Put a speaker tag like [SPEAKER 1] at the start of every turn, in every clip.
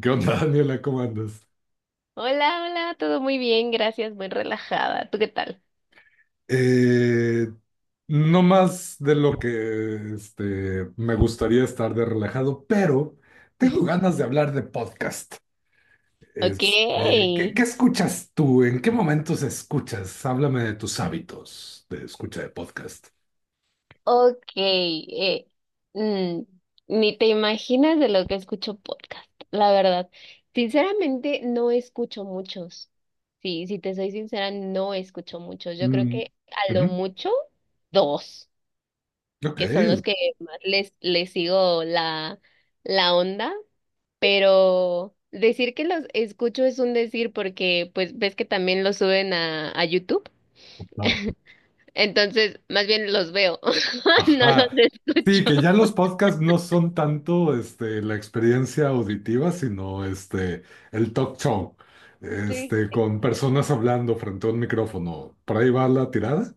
[SPEAKER 1] ¿Qué onda, Daniela? ¿Cómo andas?
[SPEAKER 2] Hola, hola, todo muy bien, gracias, muy relajada. ¿Tú qué tal?
[SPEAKER 1] Eh, no más de lo que me gustaría estar de relajado, pero tengo ganas de hablar de podcast.
[SPEAKER 2] Ok,
[SPEAKER 1] ¿Qué escuchas tú? ¿En qué momentos escuchas? Háblame de tus hábitos de escucha de podcast.
[SPEAKER 2] ok. Mm, Ni te imaginas de lo que escucho podcast, la verdad. Sinceramente, no escucho muchos. Sí, si te soy sincera, no escucho muchos. Yo creo que
[SPEAKER 1] Mm,
[SPEAKER 2] a lo
[SPEAKER 1] ujú,
[SPEAKER 2] mucho dos,
[SPEAKER 1] ok,
[SPEAKER 2] que son los que más les sigo la onda, pero decir que los escucho es un decir porque pues ves que también los suben a YouTube.
[SPEAKER 1] va.
[SPEAKER 2] Entonces, más bien los veo, no los
[SPEAKER 1] Ajá. Sí,
[SPEAKER 2] escucho.
[SPEAKER 1] que ya los podcasts no son tanto la experiencia auditiva, sino el talk show,
[SPEAKER 2] Sí.
[SPEAKER 1] con personas hablando frente a un micrófono. ¿Por ahí va la tirada?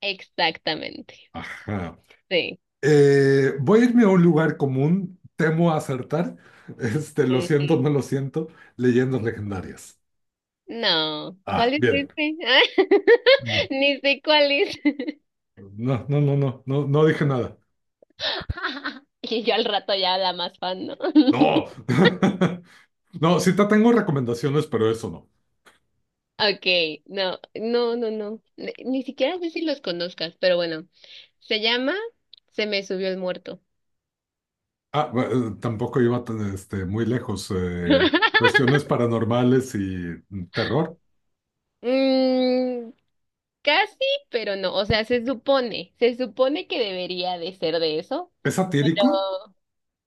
[SPEAKER 2] Exactamente.
[SPEAKER 1] Ajá.
[SPEAKER 2] Sí.
[SPEAKER 1] Voy a irme a un lugar común, temo acertar, lo siento,
[SPEAKER 2] Ujú.
[SPEAKER 1] no lo siento, leyendas legendarias.
[SPEAKER 2] No,
[SPEAKER 1] Ah,
[SPEAKER 2] ¿cuál es
[SPEAKER 1] bien.
[SPEAKER 2] este?
[SPEAKER 1] Mm.
[SPEAKER 2] Ni sé cuál es.
[SPEAKER 1] No, no, no, no, no, no dije nada.
[SPEAKER 2] Y yo al rato ya la más fan, ¿no?
[SPEAKER 1] No. No, sí te tengo recomendaciones, pero eso no.
[SPEAKER 2] Okay, no, no, no, no. Ni, siquiera sé si los conozcas, pero bueno. Se llama Se me subió el muerto.
[SPEAKER 1] Ah, tampoco iba tan, muy lejos. Cuestiones paranormales y terror.
[SPEAKER 2] Mm, Casi, pero no. O sea, se supone que debería de ser de eso,
[SPEAKER 1] ¿Es
[SPEAKER 2] pero
[SPEAKER 1] satírico?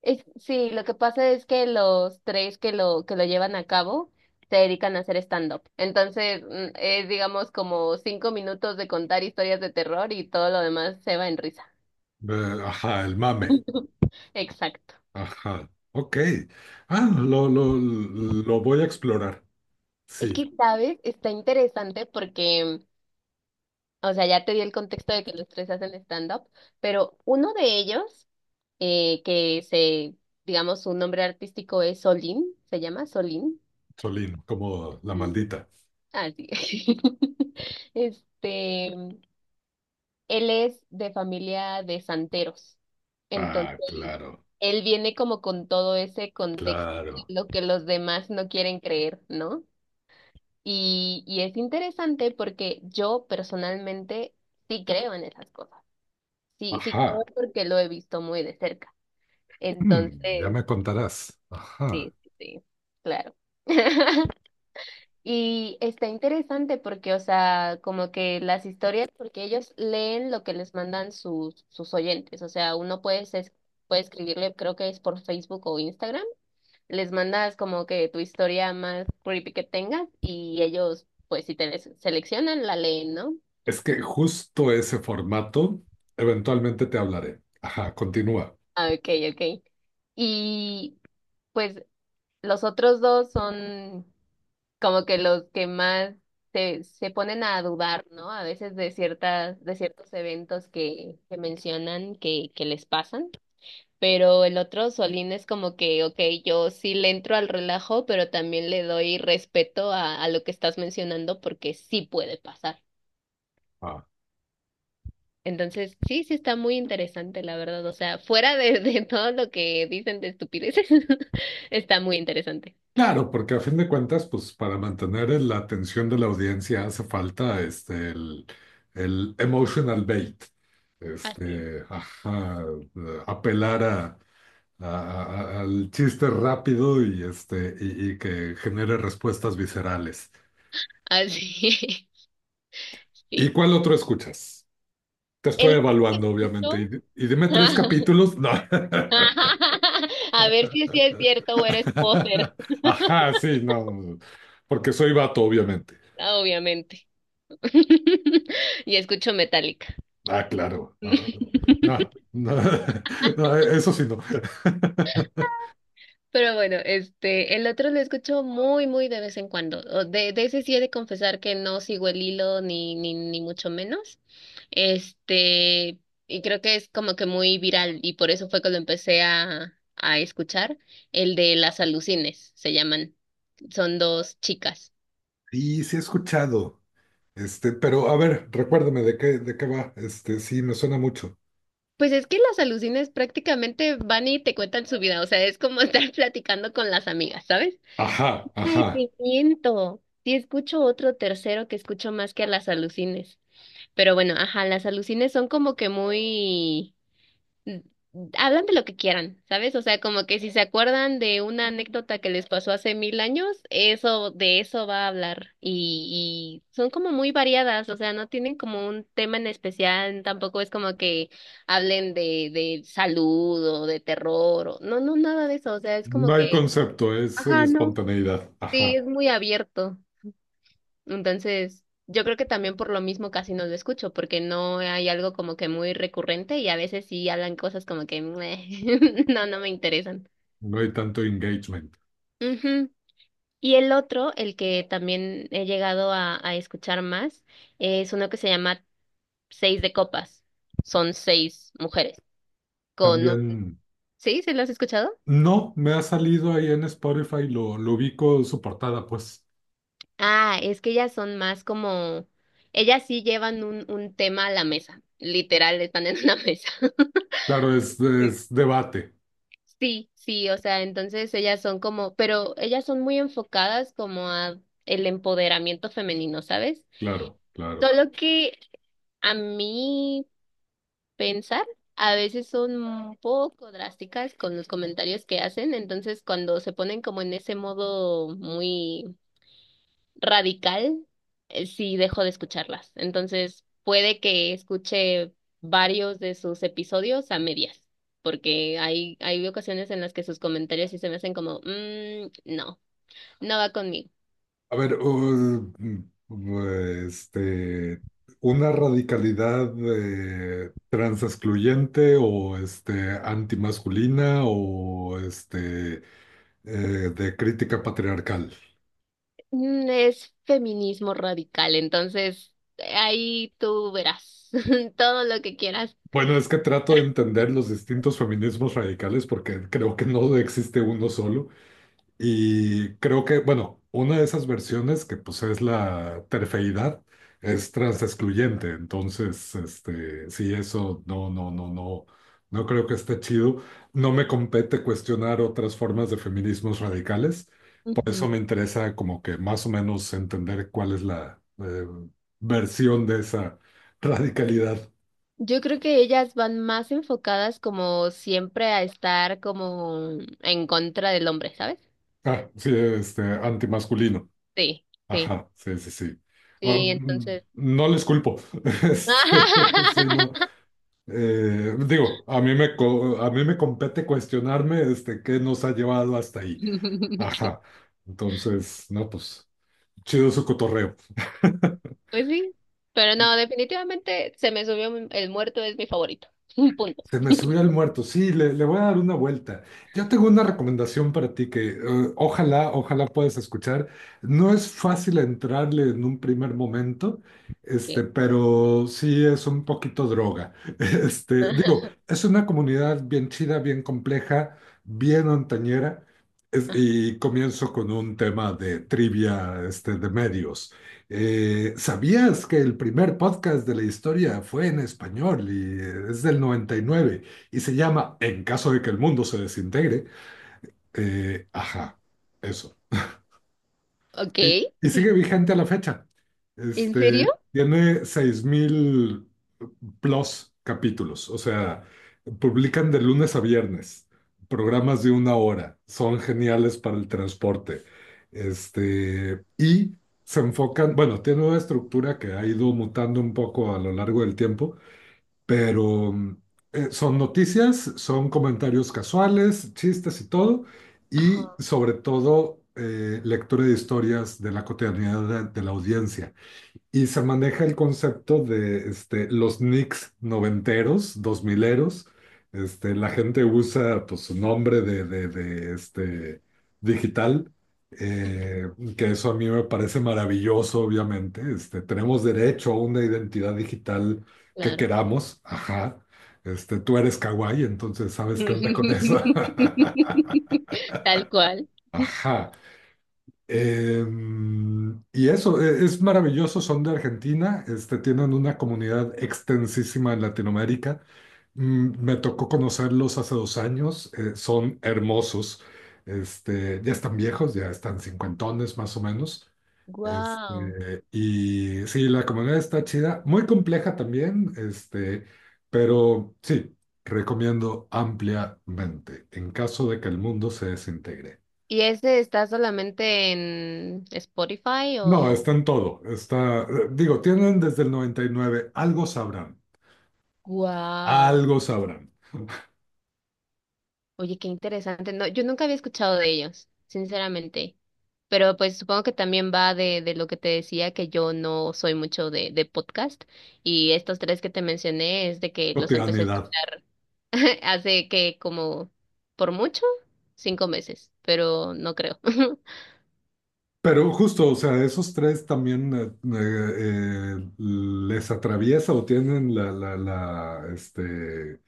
[SPEAKER 2] es, sí, lo que pasa es que los tres que lo llevan a cabo se dedican a hacer stand-up. Entonces, es digamos como 5 minutos de contar historias de terror y todo lo demás se va en risa.
[SPEAKER 1] Ajá, el mame.
[SPEAKER 2] Exacto.
[SPEAKER 1] Ajá, ok. Ah, lo voy a explorar.
[SPEAKER 2] Es
[SPEAKER 1] Sí,
[SPEAKER 2] que, ¿sabes? Está interesante porque, o sea, ya te di el contexto de que los tres hacen stand-up, pero uno de ellos que se, digamos, su nombre artístico es Solín, se llama Solín.
[SPEAKER 1] Solín, como la
[SPEAKER 2] Mm.
[SPEAKER 1] maldita.
[SPEAKER 2] Ah, sí. Este, él es de familia de santeros.
[SPEAKER 1] Ah,
[SPEAKER 2] Entonces,
[SPEAKER 1] claro,
[SPEAKER 2] él viene como con todo ese contexto
[SPEAKER 1] claro.
[SPEAKER 2] de lo que los demás no quieren creer, ¿no? Y es interesante porque yo personalmente sí creo en esas cosas. Sí, sí creo
[SPEAKER 1] Ajá,
[SPEAKER 2] porque lo he visto muy de cerca.
[SPEAKER 1] ya
[SPEAKER 2] Entonces,
[SPEAKER 1] me contarás. Ajá.
[SPEAKER 2] sí, sí, sí, claro. Y está interesante porque, o sea, como que las historias, porque ellos leen lo que les mandan sus oyentes, o sea, uno puede, puede escribirle, creo que es por Facebook o Instagram, les mandas como que tu historia más creepy que tengas y ellos, pues si te les seleccionan, la leen, ¿no?
[SPEAKER 1] Es que justo ese formato, eventualmente te hablaré. Ajá, continúa.
[SPEAKER 2] Ah, ok, ok. Y pues los otros dos son como que los que más se, se ponen a dudar, ¿no? A veces de ciertas, de ciertos eventos que mencionan que les pasan. Pero el otro Solín es como que, ok, yo sí le entro al relajo, pero también le doy respeto a lo que estás mencionando porque sí puede pasar.
[SPEAKER 1] Ah.
[SPEAKER 2] Entonces, sí, sí está muy interesante, la verdad. O sea, fuera de todo lo que dicen de estupideces, está muy interesante.
[SPEAKER 1] Claro, porque a fin de cuentas, pues para mantener la atención de la audiencia hace falta el emotional bait,
[SPEAKER 2] Así es.
[SPEAKER 1] ajá, apelar a- al chiste rápido y y que genere respuestas viscerales.
[SPEAKER 2] Así es.
[SPEAKER 1] ¿Y
[SPEAKER 2] Sí.
[SPEAKER 1] cuál otro escuchas? Te
[SPEAKER 2] El
[SPEAKER 1] estoy
[SPEAKER 2] otro que
[SPEAKER 1] evaluando,
[SPEAKER 2] escucho
[SPEAKER 1] obviamente. Y, y dime tres capítulos. No.
[SPEAKER 2] a ver si sí es cierto o eres poser.
[SPEAKER 1] Ajá, sí, no, porque soy vato, obviamente.
[SPEAKER 2] Ah, obviamente. Y escucho Metallica.
[SPEAKER 1] Ah, claro. No, no, no, no, eso sí no.
[SPEAKER 2] Pero bueno, este, el otro lo escucho muy, muy de vez en cuando. O de ese sí he de confesar que no sigo el hilo ni, ni mucho menos. Este, y creo que es como que muy viral y por eso fue que lo empecé a escuchar. El de las alucines, se llaman. Son dos chicas.
[SPEAKER 1] Y sí he escuchado. Pero a ver, recuérdame de qué va. Sí, me suena mucho.
[SPEAKER 2] Pues es que las alucines prácticamente van y te cuentan su vida, o sea, es como estar platicando con las amigas, ¿sabes?
[SPEAKER 1] Ajá,
[SPEAKER 2] Ay,
[SPEAKER 1] ajá.
[SPEAKER 2] te miento. Sí, escucho otro tercero que escucho más que a las alucines. Pero bueno, ajá, las alucines son como que muy mm, hablan de lo que quieran, ¿sabes? O sea, como que si se acuerdan de una anécdota que les pasó hace mil años, eso, de eso va a hablar. Y son como muy variadas, o sea, no tienen como un tema en especial, tampoco es como que hablen de salud o de terror, o, no, no, nada de eso, o sea, es
[SPEAKER 1] No
[SPEAKER 2] como
[SPEAKER 1] hay
[SPEAKER 2] que,
[SPEAKER 1] concepto, es
[SPEAKER 2] ajá, no,
[SPEAKER 1] espontaneidad.
[SPEAKER 2] sí,
[SPEAKER 1] Ajá.
[SPEAKER 2] es muy abierto. Entonces, yo creo que también por lo mismo casi no lo escucho, porque no hay algo como que muy recurrente y a veces sí hablan cosas como que "Meh, no, no me interesan".
[SPEAKER 1] No hay tanto engagement.
[SPEAKER 2] Ujú. Y el otro, el que también he llegado a escuchar más, es uno que se llama Seis de Copas. Son seis mujeres con un...
[SPEAKER 1] También,
[SPEAKER 2] ¿Sí? ¿Se lo has escuchado?
[SPEAKER 1] no, me ha salido ahí en Spotify, lo ubico su portada, pues.
[SPEAKER 2] Ah, es que ellas son más como... Ellas sí llevan un tema a la mesa. Literal, están en una mesa.
[SPEAKER 1] Claro, es debate.
[SPEAKER 2] Sí, sí, o sea, entonces ellas son como, pero ellas son muy enfocadas como a el empoderamiento femenino, ¿sabes?
[SPEAKER 1] Claro, claro.
[SPEAKER 2] Solo que a mi pensar, a veces son un poco drásticas con los comentarios que hacen, entonces cuando se ponen como en ese modo muy radical, sí dejo de escucharlas. Entonces, puede que escuche varios de sus episodios a medias, porque hay ocasiones en las que sus comentarios sí se me hacen como, "Mm, no, no va conmigo".
[SPEAKER 1] A ver, este, una radicalidad trans excluyente o antimasculina o eh, de crítica patriarcal.
[SPEAKER 2] Es feminismo radical, entonces ahí tú verás todo lo que quieras.
[SPEAKER 1] Bueno, es que trato de entender los distintos feminismos radicales porque creo que no existe uno solo. Y creo que, bueno, una de esas versiones que pues es la terfeidad es transexcluyente, entonces, sí, eso no, no, no, no, no creo que esté chido. No me compete cuestionar otras formas de feminismos radicales, por eso
[SPEAKER 2] Ujú.
[SPEAKER 1] me interesa como que más o menos entender cuál es la versión de esa radicalidad.
[SPEAKER 2] Yo creo que ellas van más enfocadas como siempre a estar como en contra del hombre, ¿sabes?
[SPEAKER 1] Ah, sí, antimasculino.
[SPEAKER 2] Sí, sí,
[SPEAKER 1] Ajá, sí, sí, sí. Oh,
[SPEAKER 2] sí, entonces.
[SPEAKER 1] no les culpo. Este, sí, no. Digo, a mí me compete cuestionarme, qué nos ha llevado hasta ahí. Ajá. Entonces, no, pues, chido su cotorreo.
[SPEAKER 2] Pues sí, pero no, definitivamente se me subió el muerto, es mi favorito. Punto.
[SPEAKER 1] Se me subió el muerto. Sí, le voy a dar una vuelta. Yo tengo una recomendación para ti que ojalá, ojalá puedas escuchar. No es fácil entrarle en un primer momento,
[SPEAKER 2] Okay.
[SPEAKER 1] pero sí es un poquito droga. Digo,
[SPEAKER 2] Ajá.
[SPEAKER 1] es una comunidad bien chida, bien compleja, bien montañera, y comienzo con un tema de trivia, de medios. ¿Sabías que el primer podcast de la historia fue en español y es del 99 y nueve y se llama En caso de que el mundo se desintegre? Ajá, eso.
[SPEAKER 2] Ok.
[SPEAKER 1] Y, y sigue vigente a la fecha.
[SPEAKER 2] ¿En serio?
[SPEAKER 1] Tiene 6.000 plus capítulos, o sea, publican de lunes a viernes, programas de una hora, son geniales para el transporte. Y se enfocan, bueno, tiene una estructura que ha ido mutando un poco a lo largo del tiempo, pero son noticias, son comentarios casuales, chistes y todo,
[SPEAKER 2] Ajá.
[SPEAKER 1] y sobre todo lectura de historias de la cotidianidad de la audiencia. Y se maneja el concepto de los nicks noventeros, dos mileros. La gente usa pues, su nombre de digital,
[SPEAKER 2] Ujú.
[SPEAKER 1] eh, que eso a mí me parece maravilloso, obviamente. Tenemos derecho a una identidad digital que
[SPEAKER 2] Claro.
[SPEAKER 1] queramos. Ajá. Tú eres kawaii, entonces sabes qué onda con eso.
[SPEAKER 2] Tal cual.
[SPEAKER 1] Ajá. Y eso, es maravilloso, son de Argentina, tienen una comunidad extensísima en Latinoamérica. Me tocó conocerlos hace 2 años, son hermosos, ya están viejos, ya están cincuentones más o menos.
[SPEAKER 2] Wow.
[SPEAKER 1] Este, y sí, la comunidad está chida, muy compleja también, pero sí, recomiendo ampliamente en caso de que el mundo se desintegre.
[SPEAKER 2] ¿Y ese está solamente en Spotify
[SPEAKER 1] No,
[SPEAKER 2] o?
[SPEAKER 1] está en todo. Está, digo, tienen desde el 99 algo sabrán,
[SPEAKER 2] Wow.
[SPEAKER 1] algo sabrán.
[SPEAKER 2] Oye, qué interesante. No, yo nunca había escuchado de ellos, sinceramente. Pero pues supongo que también va de lo que te decía, que yo no soy mucho de podcast y estos tres que te mencioné es de que los empecé a
[SPEAKER 1] Cotidianidad.
[SPEAKER 2] escuchar hace que como por mucho, 5 meses, pero no creo.
[SPEAKER 1] Pero justo, o sea, esos tres también les atraviesa o tienen la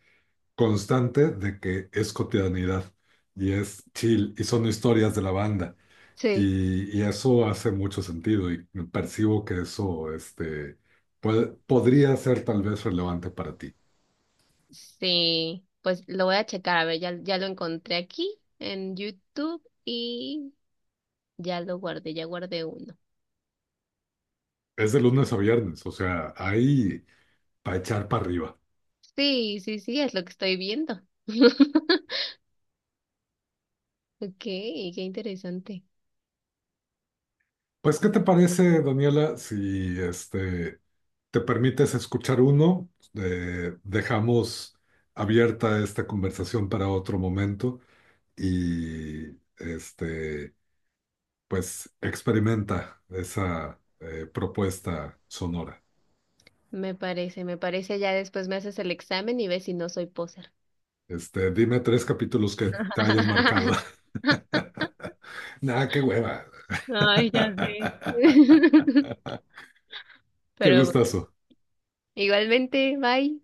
[SPEAKER 1] constante de que es cotidianidad y es chill y son historias de la banda.
[SPEAKER 2] Sí.
[SPEAKER 1] Y eso hace mucho sentido y percibo que eso podría ser tal vez relevante para ti.
[SPEAKER 2] Sí, pues lo voy a checar, a ver, ya, ya lo encontré aquí en YouTube y ya lo guardé, ya guardé uno.
[SPEAKER 1] Es de lunes a viernes, o sea, ahí para echar para arriba.
[SPEAKER 2] Sí, sí, sí, es lo que estoy viendo. Ok, qué interesante.
[SPEAKER 1] Pues, ¿qué te parece, Daniela, si te permites escuchar uno? Dejamos abierta esta conversación para otro momento y este, pues experimenta esa propuesta sonora.
[SPEAKER 2] Me parece, me parece. Ya después me haces el examen y ves si no soy poser.
[SPEAKER 1] Dime tres capítulos que te hayan marcado. Nada, qué hueva.
[SPEAKER 2] Ay, ya sé.
[SPEAKER 1] Qué
[SPEAKER 2] Pero bueno,
[SPEAKER 1] gustazo.
[SPEAKER 2] igualmente, bye.